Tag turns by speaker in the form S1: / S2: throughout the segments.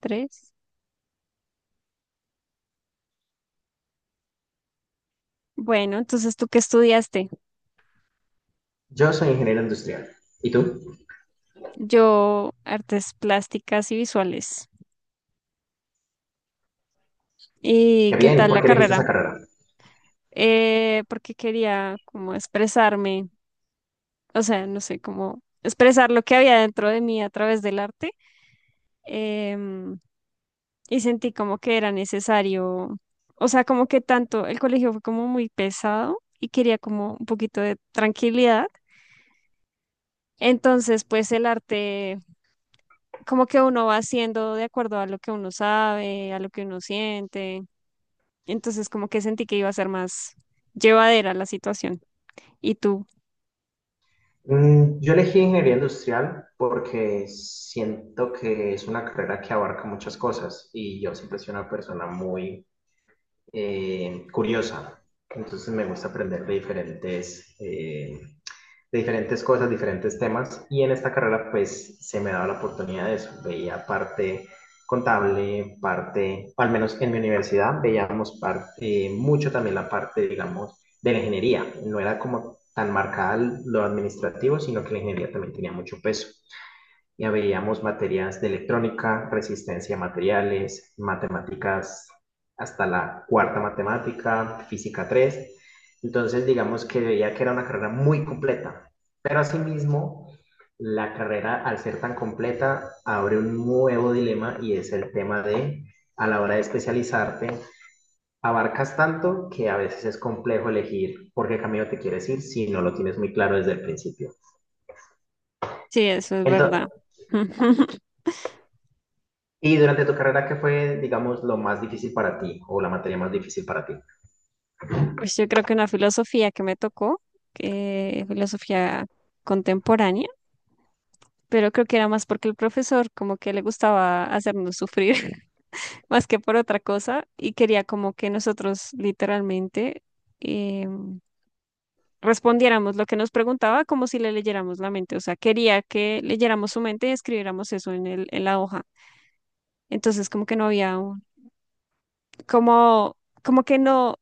S1: Tres. Bueno, entonces, ¿tú qué estudiaste?
S2: Yo soy ingeniero industrial. ¿Y tú?
S1: Yo, artes plásticas y visuales. ¿Y
S2: Qué
S1: qué
S2: bien,
S1: tal
S2: ¿por
S1: la
S2: qué elegiste
S1: carrera?
S2: esa carrera?
S1: Porque quería como expresarme, o sea, no sé, como expresar lo que había dentro de mí a través del arte. em, y sentí como que era necesario, o sea, como que tanto el colegio fue como muy pesado y quería como un poquito de tranquilidad. Entonces, pues el arte como que uno va haciendo de acuerdo a lo que uno sabe, a lo que uno siente. Entonces, como que sentí que iba a ser más llevadera la situación. Y tú,
S2: Mm, yo elegí ingeniería industrial porque siento que es una carrera que abarca muchas cosas y yo siempre soy una persona muy curiosa. Entonces me gusta aprender de diferentes cosas, diferentes temas, y en esta carrera pues se me daba la oportunidad de eso, veía parte contable, parte, al menos en mi universidad, veíamos parte, mucho también la parte, digamos, de la ingeniería, no era como tan marcada lo administrativo, sino que la ingeniería también tenía mucho peso. Ya veíamos materias de electrónica, resistencia a materiales, matemáticas hasta la cuarta matemática, física tres. Entonces, digamos que veía que era una carrera muy completa, pero asimismo, la carrera al ser tan completa abre un nuevo dilema y es el tema de, a la hora de especializarte, abarcas tanto que a veces es complejo elegir por qué camino te quieres ir si no lo tienes muy claro desde el principio.
S1: sí, eso es
S2: Entonces,
S1: verdad.
S2: y durante tu carrera, ¿qué fue, digamos, lo más difícil para ti o la materia más difícil para ti?
S1: Pues yo creo que una filosofía que me tocó, que filosofía contemporánea, pero creo que era más porque el profesor como que le gustaba hacernos sufrir más que por otra cosa y quería como que nosotros literalmente em, respondiéramos lo que nos preguntaba como si le leyéramos la mente. O sea, quería que leyéramos su mente y escribiéramos eso en en la hoja. Entonces, como que no había un, como, como que no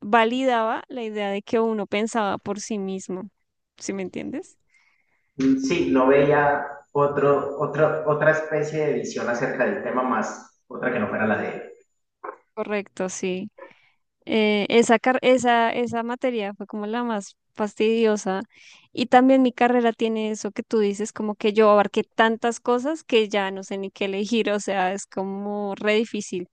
S1: validaba la idea de que uno pensaba por sí mismo. ¿Sí me entiendes?
S2: Mm, sí, no veía otro otra especie de visión acerca del tema más, otra que no fuera la de él.
S1: Correcto, sí. Esa materia fue como la más fastidiosa. Y también mi carrera tiene eso que tú dices, como que yo abarqué tantas cosas que ya no sé ni qué elegir, o sea, es como re difícil.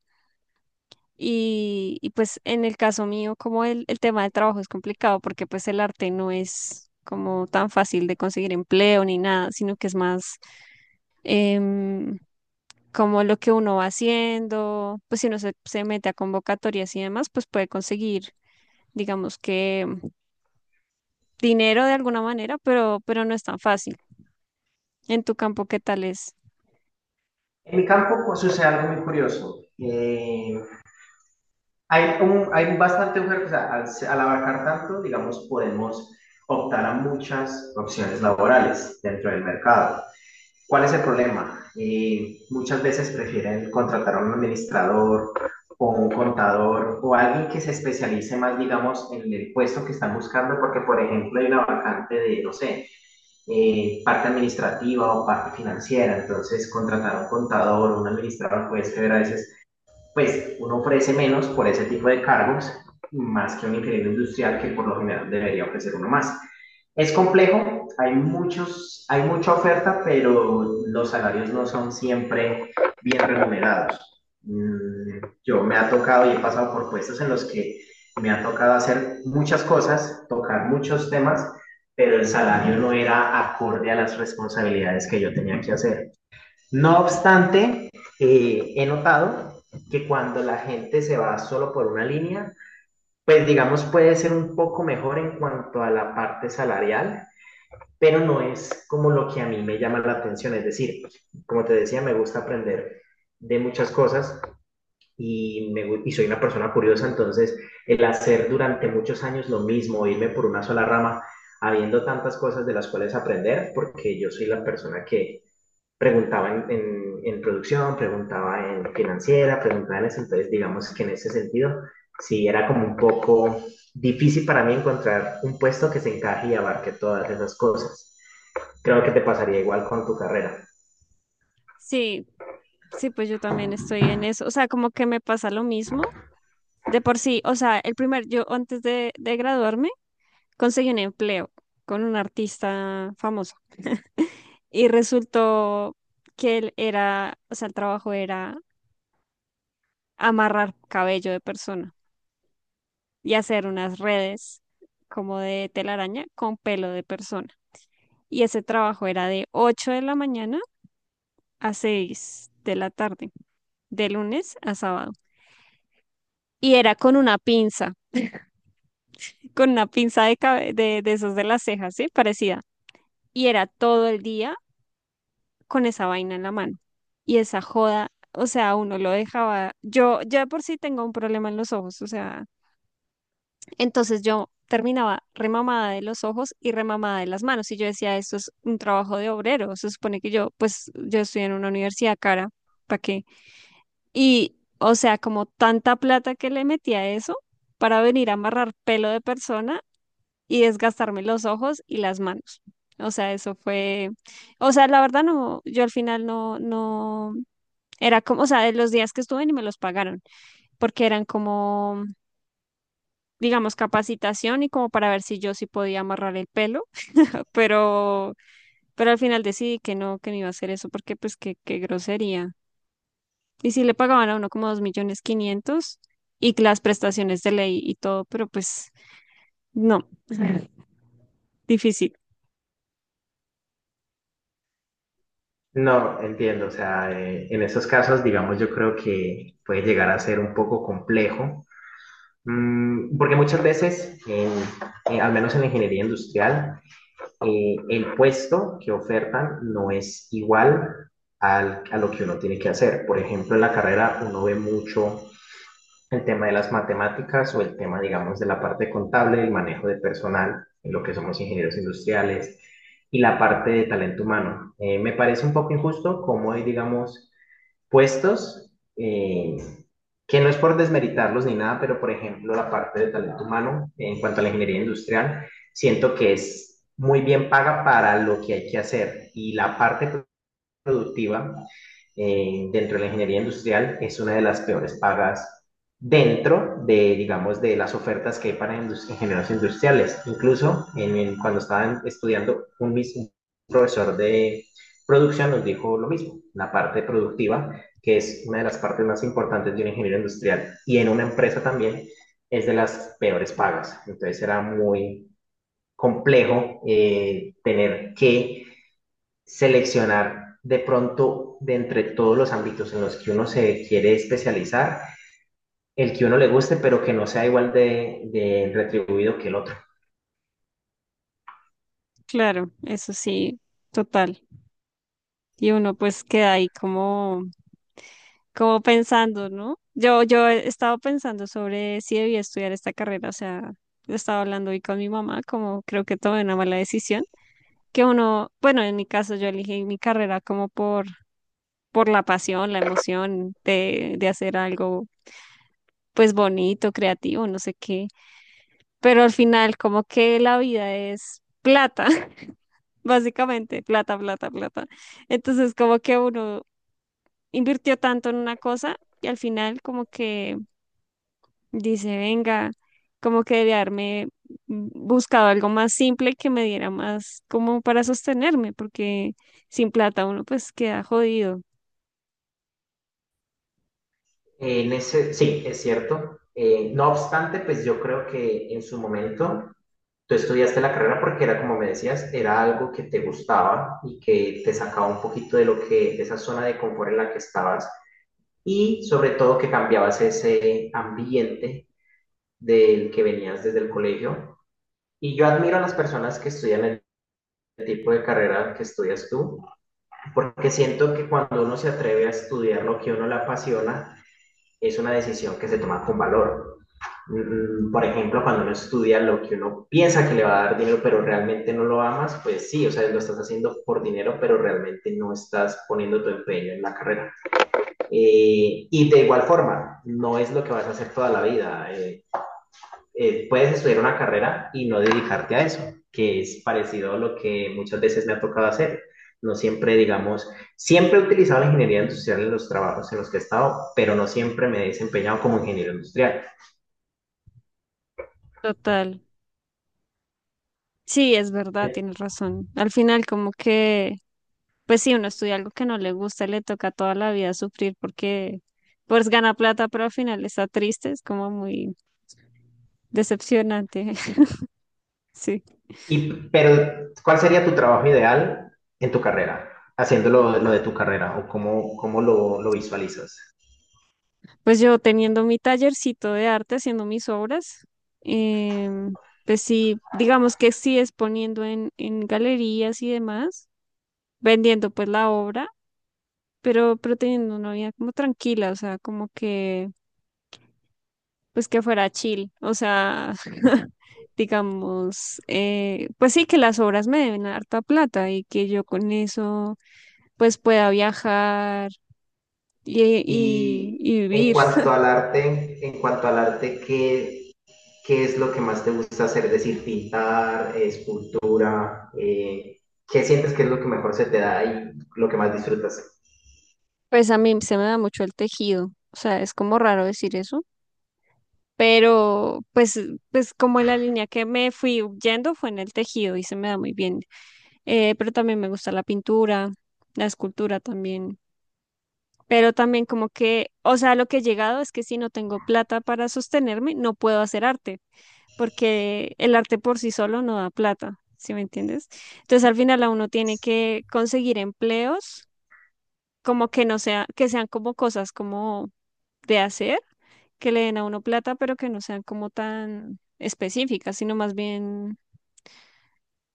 S1: Y pues en el caso mío, como el tema del trabajo es complicado porque pues el arte no es como tan fácil de conseguir empleo ni nada, sino que es más em, como lo que uno va haciendo, pues si uno se mete a convocatorias y demás, pues puede conseguir digamos que dinero de alguna manera, pero no es tan fácil. En tu campo, ¿qué tal es?
S2: En mi campo pues, sucede algo muy curioso. Hay, un, hay bastante oferta, o sea, al abarcar tanto, digamos, podemos optar a muchas opciones laborales dentro del mercado. ¿Cuál es el problema? Muchas veces prefieren contratar a un administrador o un contador o alguien que se especialice más, digamos, en el puesto que están buscando, porque, por ejemplo, hay una vacante de, no sé, parte administrativa o parte financiera, entonces contratar a un contador o un administrador puede ser a veces pues uno ofrece menos por ese tipo de cargos, más que un ingeniero industrial que por lo general debería ofrecer uno más. Es complejo, hay, muchos, hay mucha oferta, pero los salarios no son siempre bien remunerados. Mm, yo me ha tocado y he pasado por puestos en los que me ha tocado hacer muchas cosas, tocar muchos temas, pero el salario no era acorde a las responsabilidades que yo tenía que hacer. No obstante, he notado que cuando la gente se va solo por una línea, pues digamos puede ser un poco mejor en cuanto a la parte salarial, pero no es como lo que a mí me llama la atención. Es decir, como te decía, me gusta aprender de muchas cosas y, me, y soy una persona curiosa, entonces el hacer durante muchos años lo mismo, irme por una sola rama, habiendo tantas cosas de las cuales aprender, porque yo soy la persona que preguntaba en, en producción, preguntaba en financiera, preguntaba en eso, entonces digamos que en ese sentido sí era como un poco difícil para mí encontrar un puesto que se encaje y abarque todas esas cosas. Creo que te pasaría igual con tu carrera.
S1: Sí, sí, pues yo también estoy en eso. O sea, como que me pasa lo mismo. De por sí, o sea, yo antes de graduarme, conseguí un empleo con un artista famoso. Y resultó que él era, o sea, el trabajo era amarrar cabello de persona y hacer unas redes como de telaraña con pelo de persona. Y ese trabajo era de 8 de la mañana a 6 de la tarde, de lunes a sábado. Y era con una pinza de esos de las cejas, ¿sí? Parecida. Y era todo el día con esa vaina en la mano. Y esa joda, o sea, uno lo dejaba. Yo ya por sí tengo un problema en los ojos, o sea, entonces yo terminaba remamada de los ojos y remamada de las manos. Y yo decía, esto es un trabajo de obrero. Se supone que yo, pues, yo estoy en una universidad cara, ¿para qué? Y, o sea, como tanta plata que le metí a eso para venir a amarrar pelo de persona y desgastarme los ojos y las manos. O sea, eso fue, o sea, la verdad no, yo al final no, no, era como, o sea, de los días que estuve ni me los pagaron, porque eran como, digamos, capacitación y como para ver si yo sí podía amarrar el pelo, pero, pero al final decidí que no iba a hacer eso, porque pues qué grosería. Y sí le pagaban a uno como 2.500.000 y las prestaciones de ley y todo, pero pues no, difícil,
S2: No, entiendo, o sea, en esos casos, digamos, yo creo que puede llegar a ser un poco complejo. Mm, porque muchas veces, al menos en la ingeniería industrial, el puesto que ofertan no es igual al, a lo que uno tiene que hacer. Por ejemplo, en la carrera uno ve mucho el tema de las matemáticas o el tema, digamos, de la parte contable, el manejo de personal, en lo que somos ingenieros industriales, y la parte de talento humano. Me parece un poco injusto cómo hoy digamos, puestos, eh, que no es por desmeritarlos ni nada, pero por ejemplo la parte de talento humano en cuanto a la ingeniería industrial, siento que es muy bien paga para lo que hay que hacer y la parte productiva dentro de la ingeniería industrial es una de las peores pagas dentro de, digamos, de las ofertas que hay para ingenieros industriales. Incluso en cuando estaban estudiando, un mismo profesor de producción nos dijo lo mismo, la parte productiva, que es una de las partes más importantes de un ingeniero industrial y en una empresa también es de las peores pagas. Entonces era muy complejo tener que seleccionar de pronto de entre todos los ámbitos en los que uno se quiere especializar, el que uno le guste, pero que no sea igual de retribuido que el otro.
S1: claro, eso sí, total. Y uno pues queda ahí como pensando, ¿no? Yo he estado pensando sobre si debía estudiar esta carrera, o sea, he estado hablando hoy con mi mamá, como creo que tomé una mala decisión, que uno, bueno, en mi caso yo elegí mi carrera como por la pasión, la emoción de hacer algo pues bonito, creativo, no sé qué. Pero al final como que la vida es plata, básicamente, plata, plata, plata. Entonces como que uno invirtió tanto en una cosa y al final como que dice, venga, como que debe haberme buscado algo más simple que me diera más como para sostenerme, porque sin plata uno pues queda jodido,
S2: En ese, sí, es cierto. No obstante, pues yo creo que en su momento tú estudiaste la carrera porque era, como me decías, era algo que te gustaba y que te sacaba un poquito de lo que, de esa zona de confort en la que estabas y sobre todo que cambiabas ese ambiente del que venías desde el colegio. Y yo admiro a las personas que estudian el tipo de carrera que estudias tú, porque siento que cuando uno se atreve a estudiar lo que a uno le apasiona, es una decisión que se toma con valor. Mm, por ejemplo, cuando uno estudia lo que uno piensa que le va a dar dinero, pero realmente no lo amas, pues sí, o sea, lo estás haciendo por dinero, pero realmente no estás poniendo tu empeño en la carrera. Y de igual forma, no es lo que vas a hacer toda la vida. Puedes estudiar una carrera y no dedicarte a eso, que es parecido a lo que muchas veces me ha tocado hacer. No siempre, digamos, siempre he utilizado la ingeniería industrial en los trabajos en los que he estado, pero no siempre me he desempeñado como ingeniero industrial.
S1: total. Sí, es verdad, tienes razón. Al final como que pues si uno estudia algo que no le gusta, le toca toda la vida sufrir porque pues gana plata, pero al final está triste, es como muy decepcionante. Sí.
S2: Y, pero, ¿cuál sería tu trabajo ideal en tu carrera? Haciendo lo de tu carrera o cómo, cómo lo visualizas.
S1: Pues yo teniendo mi tallercito de arte, haciendo mis obras, em, pues sí, digamos que sí exponiendo en galerías y demás, vendiendo pues la obra, pero teniendo una vida como tranquila, o sea, como que pues que fuera chill, o sea, digamos, pues sí que las obras me deben harta plata y que yo con eso pues pueda viajar y, y,
S2: Y
S1: y
S2: en
S1: vivir.
S2: cuanto al arte, en cuanto al arte, ¿qué, ¿qué es lo que más te gusta hacer? Es decir, pintar, escultura, ¿qué sientes que es lo que mejor se te da y lo que más disfrutas?
S1: Pues a mí se me da mucho el tejido, o sea, es como raro decir eso, pero pues como la línea que me fui yendo fue en el tejido y se me da muy bien. Pero también me gusta la pintura, la escultura también. Pero también como que, o sea, lo que he llegado es que si no tengo plata para sostenerme, no puedo hacer arte, porque el arte por sí solo no da plata, ¿sí me entiendes? Entonces al final a uno tiene que conseguir empleos, como que no sea, que sean como cosas como de hacer, que le den a uno plata, pero que no sean como tan específicas, sino más bien,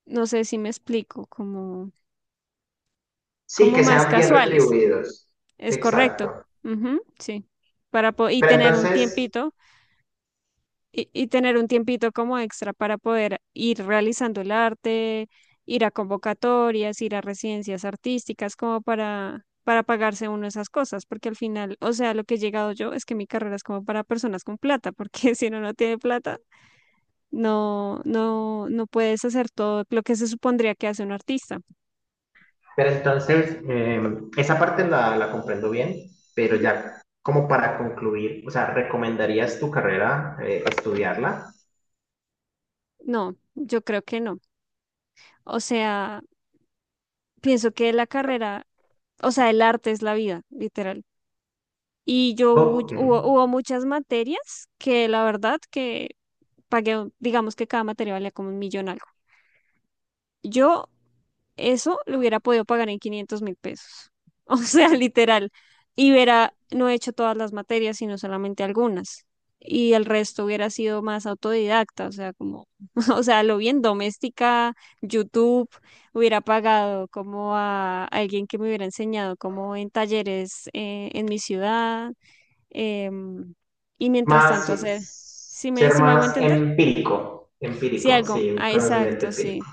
S1: no sé si me explico, como,
S2: Sí,
S1: como
S2: que
S1: más
S2: sean bien
S1: casuales.
S2: retribuidos.
S1: Es correcto.
S2: Exacto.
S1: Ujú, sí. Para po- y
S2: Pero
S1: tener un
S2: entonces,
S1: tiempito y tener un tiempito como extra para poder ir realizando el arte, ir a convocatorias, ir a residencias artísticas, como para pagarse uno esas cosas, porque al final, o sea, lo que he llegado yo es que mi carrera es como para personas con plata, porque si uno no tiene plata, no, no, no puedes hacer todo lo que se supondría que hace un artista.
S2: pero entonces esa parte la, la comprendo bien, pero
S1: Ujú.
S2: ya como para concluir, o sea, ¿recomendarías tu carrera estudiarla?
S1: No, yo creo que no. O sea, pienso que la carrera, o sea, el arte es la vida, literal. Y yo hu-
S2: Ok.
S1: hubo, hubo muchas materias que la verdad que pagué, digamos que cada materia valía como un millón algo. Yo eso lo hubiera podido pagar en 500.000 pesos. O sea, literal. Y hubiera, no he hecho todas las materias, sino solamente algunas. Y el resto hubiera sido más autodidacta, o sea, como, o sea, lo bien doméstica, YouTube, hubiera pagado como a alguien que me hubiera enseñado como en talleres en mi ciudad em, y mientras tanto hacer,
S2: Más,
S1: si me,
S2: ser
S1: si me hago
S2: más
S1: entender,
S2: empírico,
S1: si
S2: empírico,
S1: algo,
S2: sí,
S1: ah,
S2: conocimiento
S1: exacto,
S2: empírico.
S1: sí,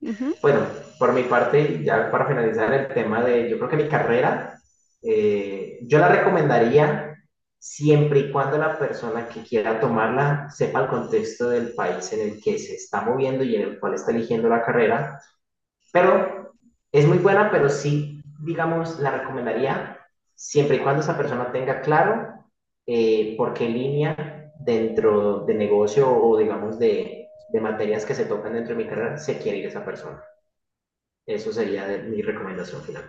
S1: ujú,
S2: Bueno, por mi parte, ya para finalizar el tema de, yo creo que mi carrera, yo la recomendaría siempre y cuando la persona que quiera tomarla sepa el contexto del país en el que se está moviendo y en el cual está eligiendo la carrera. Pero es muy buena, pero sí, digamos, la recomendaría siempre y cuando esa persona tenga claro por qué línea dentro de negocio o, digamos, de materias que se tocan dentro de mi carrera se quiere ir esa persona. Eso sería mi recomendación final.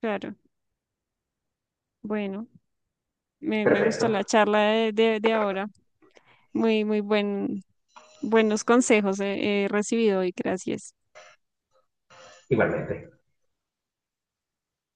S1: claro, bueno, me
S2: Perfecto,
S1: gustó la charla de ahora, muy, muy buenos consejos he recibido y gracias.
S2: igualmente.